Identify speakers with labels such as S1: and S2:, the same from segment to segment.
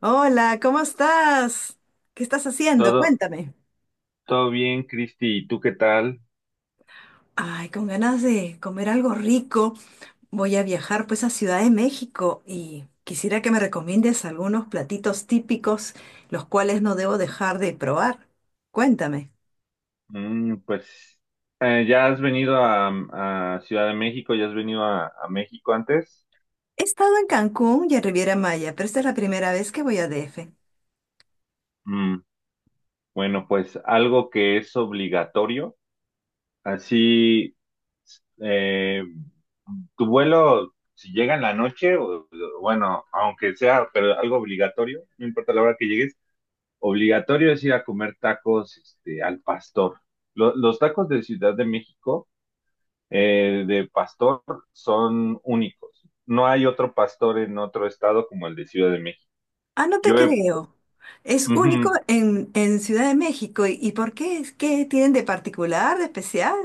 S1: Hola, ¿cómo estás? ¿Qué estás haciendo?
S2: Todo,
S1: Cuéntame.
S2: todo bien, Cristi. ¿Y tú qué tal?
S1: Ay, con ganas de comer algo rico. Voy a viajar pues a Ciudad de México y quisiera que me recomiendes algunos platitos típicos, los cuales no debo dejar de probar. Cuéntame.
S2: Mm, pues, ¿Ya has venido a Ciudad de México? ¿Ya has venido a México antes?
S1: He estado en Cancún y en Riviera Maya, pero esta es la primera vez que voy a DF.
S2: Mm, bueno, pues algo que es obligatorio. Así, eh, Tu vuelo, si llega en la noche, o bueno, aunque sea, pero algo obligatorio, no importa la hora que llegues, obligatorio es ir a comer tacos, este, al pastor. Los tacos de Ciudad de México, de pastor son únicos. No hay otro pastor en otro estado como el de Ciudad de México.
S1: Ah, no te
S2: Yo he-
S1: creo. Es único
S2: Ujú,
S1: en Ciudad de México. Y por qué? ¿Qué tienen de particular, de especial?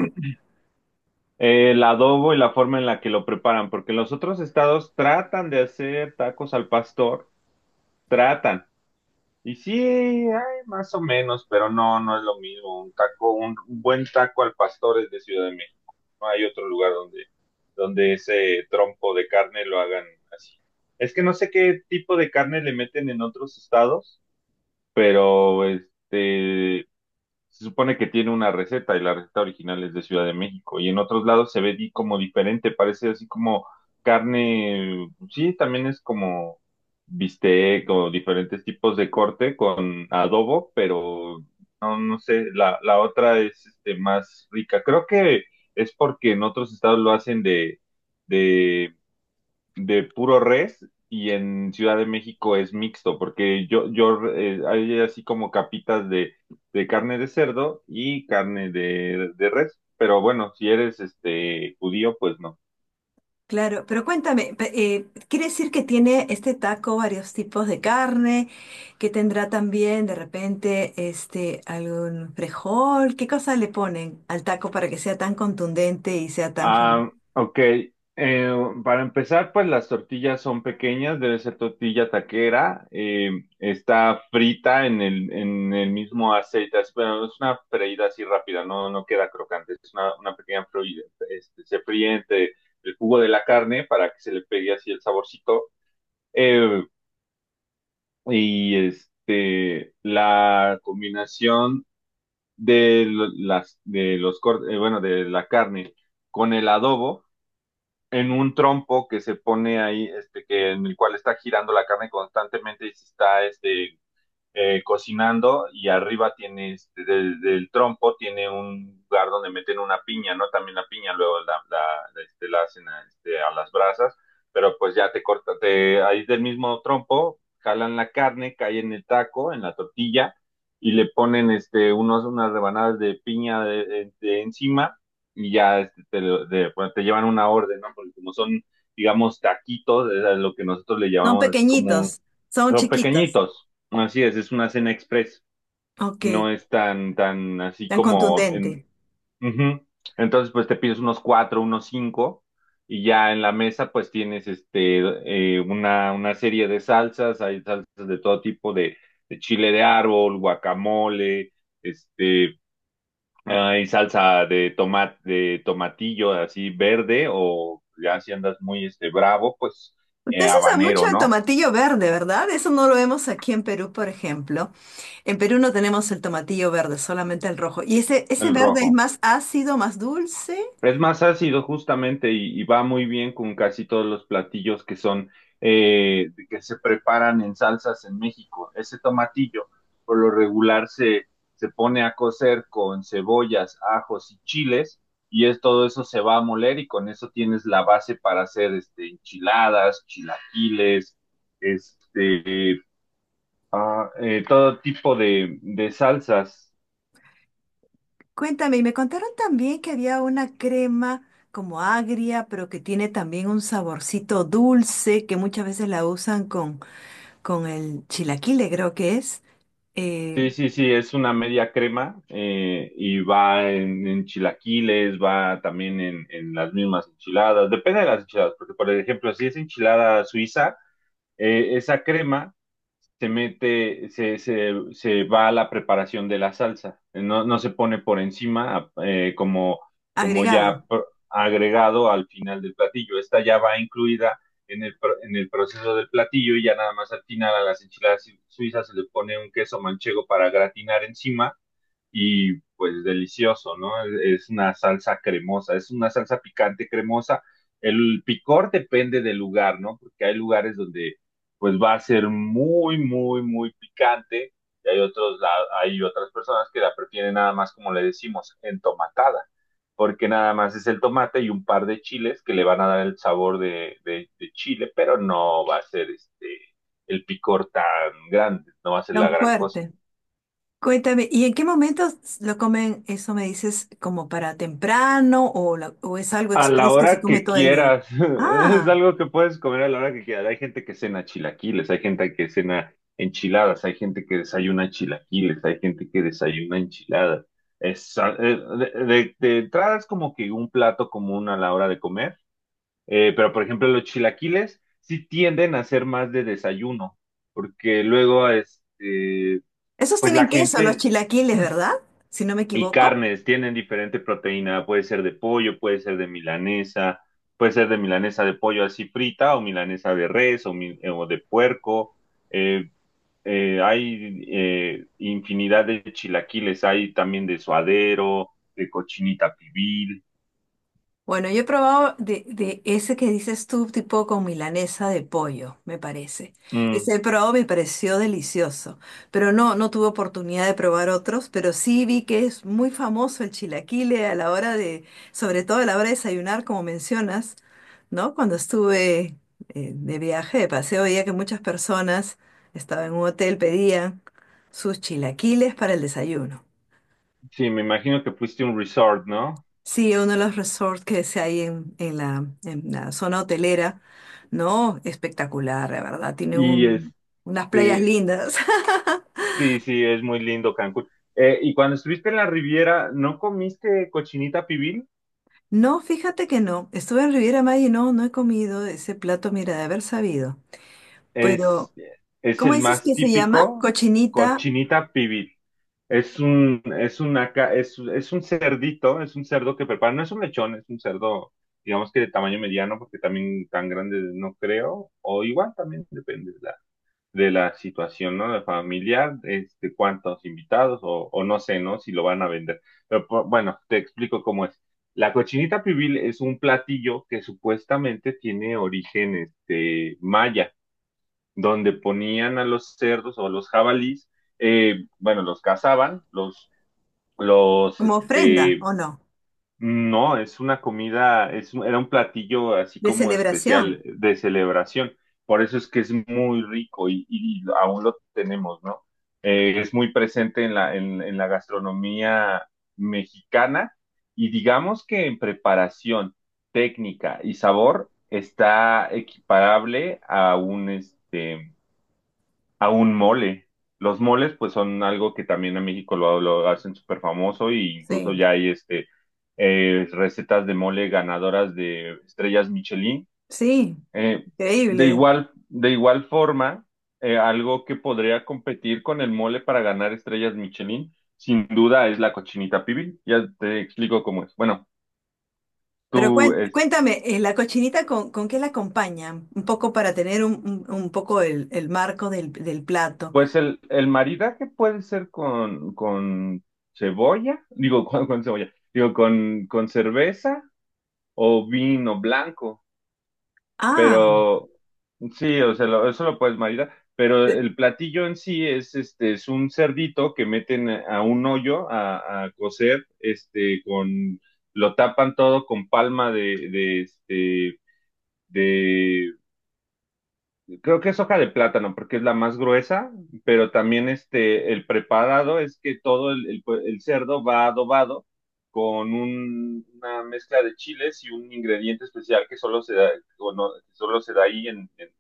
S2: el adobo y la forma en la que lo preparan, porque los otros estados tratan de hacer tacos al pastor, tratan. Y sí, hay más o menos, pero no, no es lo mismo. Un buen taco al pastor es de Ciudad de México. No hay otro lugar donde, donde ese trompo de carne lo hagan así. Es que no sé qué tipo de carne le meten en otros estados, pero se supone que tiene una receta y la receta original es de Ciudad de México y en otros lados se ve como diferente, parece así como carne, sí, también es como bistec o diferentes tipos de corte con adobo, pero no, no sé, la otra es este, más rica. Creo que es porque en otros estados lo hacen de de puro res y en Ciudad de México es mixto, porque yo hay así como capitas de carne de cerdo y carne de res, pero bueno, si eres este judío, pues no.
S1: Claro, pero cuéntame, ¿quiere decir que tiene este taco varios tipos de carne, que tendrá también de repente este algún frijol? ¿Qué cosa le ponen al taco para que sea tan contundente y sea tan famoso?
S2: Ah, ok. Eh, para empezar, pues las tortillas son pequeñas, debe ser tortilla taquera. Está frita en el mismo aceite, pero es una freída así rápida, no, no queda crocante, es una pequeña freída. Este, se fríe entre el jugo de la carne para que se le pegue así el saborcito. eh, y este, la combinación las, de los cortes, bueno, de la carne con el adobo en un trompo que se pone ahí, este, que en el cual está girando la carne constantemente y se está cocinando y arriba tiene, este, del, del trompo tiene un lugar donde meten una piña, ¿no? También la piña luego la hacen a, este, a las brasas, pero pues ya te corta, te, ahí del mismo trompo jalan la carne, cae en el taco, en la tortilla y le ponen este, unas rebanadas de piña de encima y ya bueno, te llevan una orden, ¿no? Porque como son digamos, taquitos, es a lo que nosotros le
S1: Son
S2: llamamos así como
S1: pequeñitos, son
S2: son
S1: chiquitos.
S2: pequeñitos, así es una cena express,
S1: Ok,
S2: no es tan, tan así
S1: tan
S2: como
S1: contundente.
S2: en... Ujú. Entonces, pues te pides unos cuatro, unos cinco, y ya en la mesa, pues tienes una serie de salsas, hay salsas de todo tipo, de chile de árbol, guacamole, este, hay salsa de tomate, de tomatillo así verde, o ya si andas muy este, bravo, pues
S1: Usted se usa mucho
S2: habanero,
S1: el
S2: ¿no?
S1: tomatillo verde, ¿verdad? Eso no lo vemos aquí en Perú, por ejemplo. En Perú no tenemos el tomatillo verde, solamente el rojo. ¿Y ese
S2: El
S1: verde es
S2: rojo.
S1: más ácido, más dulce?
S2: Es más ácido justamente y va muy bien con casi todos los platillos que son que se preparan en salsas en México. Ese tomatillo por lo regular se pone a cocer con cebollas, ajos y chiles y es todo eso se va a moler y con eso tienes la base para hacer este, enchiladas, chilaquiles, este, todo tipo de salsas.
S1: Cuéntame, y me contaron también que había una crema como agria, pero que tiene también un saborcito dulce, que muchas veces la usan con el chilaquile, creo que es, eh,
S2: Sí, sí, sí, es una media crema y va en chilaquiles, va también en las mismas enchiladas, depende de las enchiladas, porque por ejemplo, si es enchilada suiza, esa crema se mete, se va a la preparación de la salsa, no, no se pone por encima como, como ya
S1: agregado,
S2: pr- agregado al final del platillo, esta ya va incluida en el, en el proceso del platillo y ya nada más al final a las enchiladas suizas se le pone un queso manchego para gratinar encima y pues delicioso, ¿no? Es una salsa cremosa, es una salsa picante cremosa. El picor depende del lugar, ¿no? Porque hay lugares donde pues va a ser muy, muy, muy picante y hay otros, hay otras personas que la prefieren nada más, como le decimos, entomatada, porque nada más es el tomate y un par de chiles que le van a dar el sabor de chile, pero no va a ser el picor tan grande, no va a ser la
S1: tan
S2: gran cosa.
S1: fuerte. Cuéntame, ¿y en qué momentos lo comen? Eso me dices, como para temprano o, o es algo
S2: A la
S1: express que se
S2: hora
S1: come
S2: que
S1: todo el día.
S2: quieras. Es
S1: Ah,
S2: algo que puedes comer a la hora que quieras. Hay gente que cena chilaquiles, hay gente que cena enchiladas, hay gente que desayuna chilaquiles, hay gente que desayuna enchiladas. Es, a- de- De entrada es como que un plato común a la hora de comer, pero por ejemplo los chilaquiles sí tienden a ser más de desayuno, porque luego
S1: esos
S2: pues la
S1: tienen queso, los
S2: gente
S1: chilaquiles, ¿verdad? Si no me
S2: y
S1: equivoco.
S2: carnes tienen diferente proteína, puede ser de pollo, puede ser de milanesa, puede ser de milanesa de pollo así frita o milanesa de res o o de puerco. eh, hay infinidad de chilaquiles, hay también de suadero, de cochinita pibil.
S1: Bueno, yo he probado de ese que dices tú, tipo con milanesa de pollo, me parece.
S2: Mm,
S1: Ese he probado, me pareció delicioso, pero no, no tuve oportunidad de probar otros, pero sí vi que es muy famoso el chilaquile a la hora de, sobre todo a la hora de desayunar, como mencionas, ¿no? Cuando estuve de viaje, de paseo, veía que muchas personas estaban en un hotel, pedían sus chilaquiles para el desayuno.
S2: sí, me imagino que fuiste a un resort, ¿no?
S1: Sí, uno de los resorts que se hay en la zona hotelera, ¿no? Espectacular, la verdad. Tiene
S2: Y
S1: unas playas
S2: este,
S1: lindas.
S2: sí, sí, es muy lindo Cancún. Y cuando estuviste en la Riviera, ¿no comiste cochinita pibil?
S1: No, fíjate que no. Estuve en Riviera Maya y no, no he comido ese plato, mira, de haber sabido. Pero,
S2: es, es
S1: ¿cómo
S2: el
S1: dices
S2: más
S1: que se llama?
S2: típico,
S1: Cochinita
S2: cochinita pibil. Es una, es un cerdito, es un cerdo que preparan, no es un lechón, es un cerdo, digamos que de tamaño mediano, porque también tan grande no creo, o igual también depende de de la situación, ¿no? De familiar, este, cuántos invitados, o no sé, ¿no? Si lo van a vender. Pero bueno, te explico cómo es. La cochinita pibil es un platillo que supuestamente tiene origen, este, maya donde ponían a los cerdos o a los jabalís, bueno, los cazaban, los,
S1: como ofrenda,
S2: este,
S1: ¿o no?
S2: no, es una comida, era un platillo así
S1: De
S2: como
S1: celebración.
S2: especial de celebración. Por eso es que es muy rico y aún lo tenemos, ¿no? Es muy presente en en la gastronomía mexicana y digamos que en preparación, técnica y sabor está equiparable a un, este, a un mole. Los moles, pues, son algo que también en México lo hacen súper famoso e incluso
S1: Sí,
S2: ya hay recetas de mole ganadoras de estrellas Michelin.
S1: sí,
S2: Eh, de
S1: increíble.
S2: igual, de igual forma, algo que podría competir con el mole para ganar estrellas Michelin, sin duda, es la cochinita pibil. Ya te explico cómo es. Bueno,
S1: Pero
S2: tú,
S1: cuéntame, ¿la cochinita con qué la acompañan? Un poco para tener un poco el marco del, del plato.
S2: pues el maridaje puede ser con cebolla, digo, con cebolla, digo, con cerveza o vino blanco,
S1: Ah,
S2: pero sí, o sea, eso lo puedes maridar, pero
S1: pe-
S2: el platillo en sí es, este, es un cerdito que meten a un hoyo a cocer, este, con, lo tapan todo con palma de creo que es hoja de plátano porque es la más gruesa, pero también este, el preparado es que todo pues, el cerdo va adobado con una mezcla de chiles y un ingrediente especial que solo se da, o no, que solo se da ahí en, en-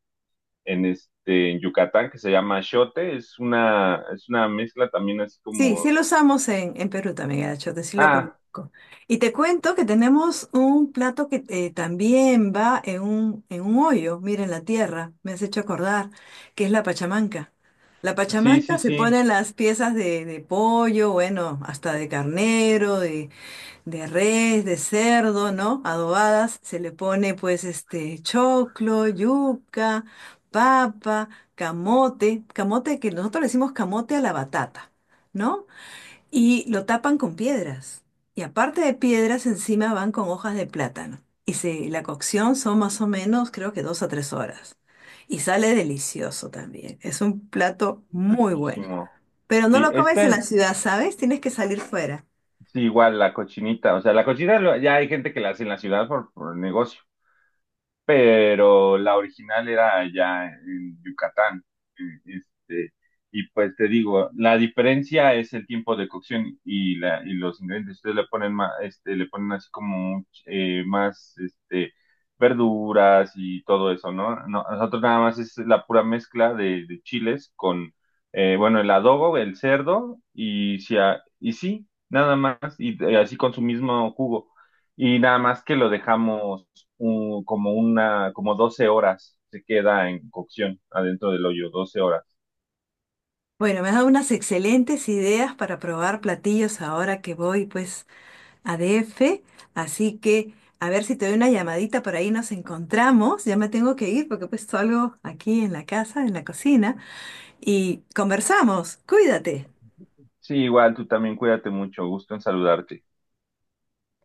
S2: en, este, en Yucatán, que se llama achiote. Es una mezcla también así
S1: sí, sí
S2: como...
S1: lo usamos en Perú también, el achiote, sí lo
S2: Ah,
S1: conozco. Y te cuento que tenemos un plato que también va en un hoyo, mira, en la tierra, me has hecho acordar, que es la pachamanca. La
S2: sí,
S1: pachamanca
S2: sí,
S1: se
S2: sí,
S1: ponen las piezas de pollo, bueno, hasta de carnero, de res, de cerdo, ¿no? Adobadas, se le pone pues este choclo, yuca, papa, camote, camote que nosotros le decimos camote a la batata, ¿no? Y lo tapan con piedras. Y aparte de piedras, encima van con hojas de plátano. Y la cocción son más o menos, creo que dos a tres horas. Y sale delicioso también. Es un plato muy bueno.
S2: riquísimo.
S1: Pero no
S2: Sí,
S1: lo comes en la
S2: este,
S1: ciudad, ¿sabes? Tienes que salir fuera.
S2: sí, igual la cochinita, o sea, la cochinita ya hay gente que la hace en la ciudad por negocio, pero la original era allá en Yucatán. eh, Este, y pues te digo, la diferencia es el tiempo de cocción y los ingredientes. Ustedes le ponen más, este, le ponen así como más este, verduras y todo eso, ¿no? No, nosotros nada más es la pura mezcla de chiles con, bueno, el adobo, el cerdo y, y sí, nada más, así con su mismo jugo. Y nada más que lo dejamos como 12 horas se queda en cocción adentro del hoyo, 12 horas.
S1: Bueno, me has dado unas excelentes ideas para probar platillos ahora que voy pues a DF, así que a ver si te doy una llamadita por ahí nos encontramos. Ya me tengo que ir porque pues algo aquí en la casa, en la cocina y conversamos. Cuídate.
S2: Sí, igual tú también cuídate mucho, gusto en saludarte.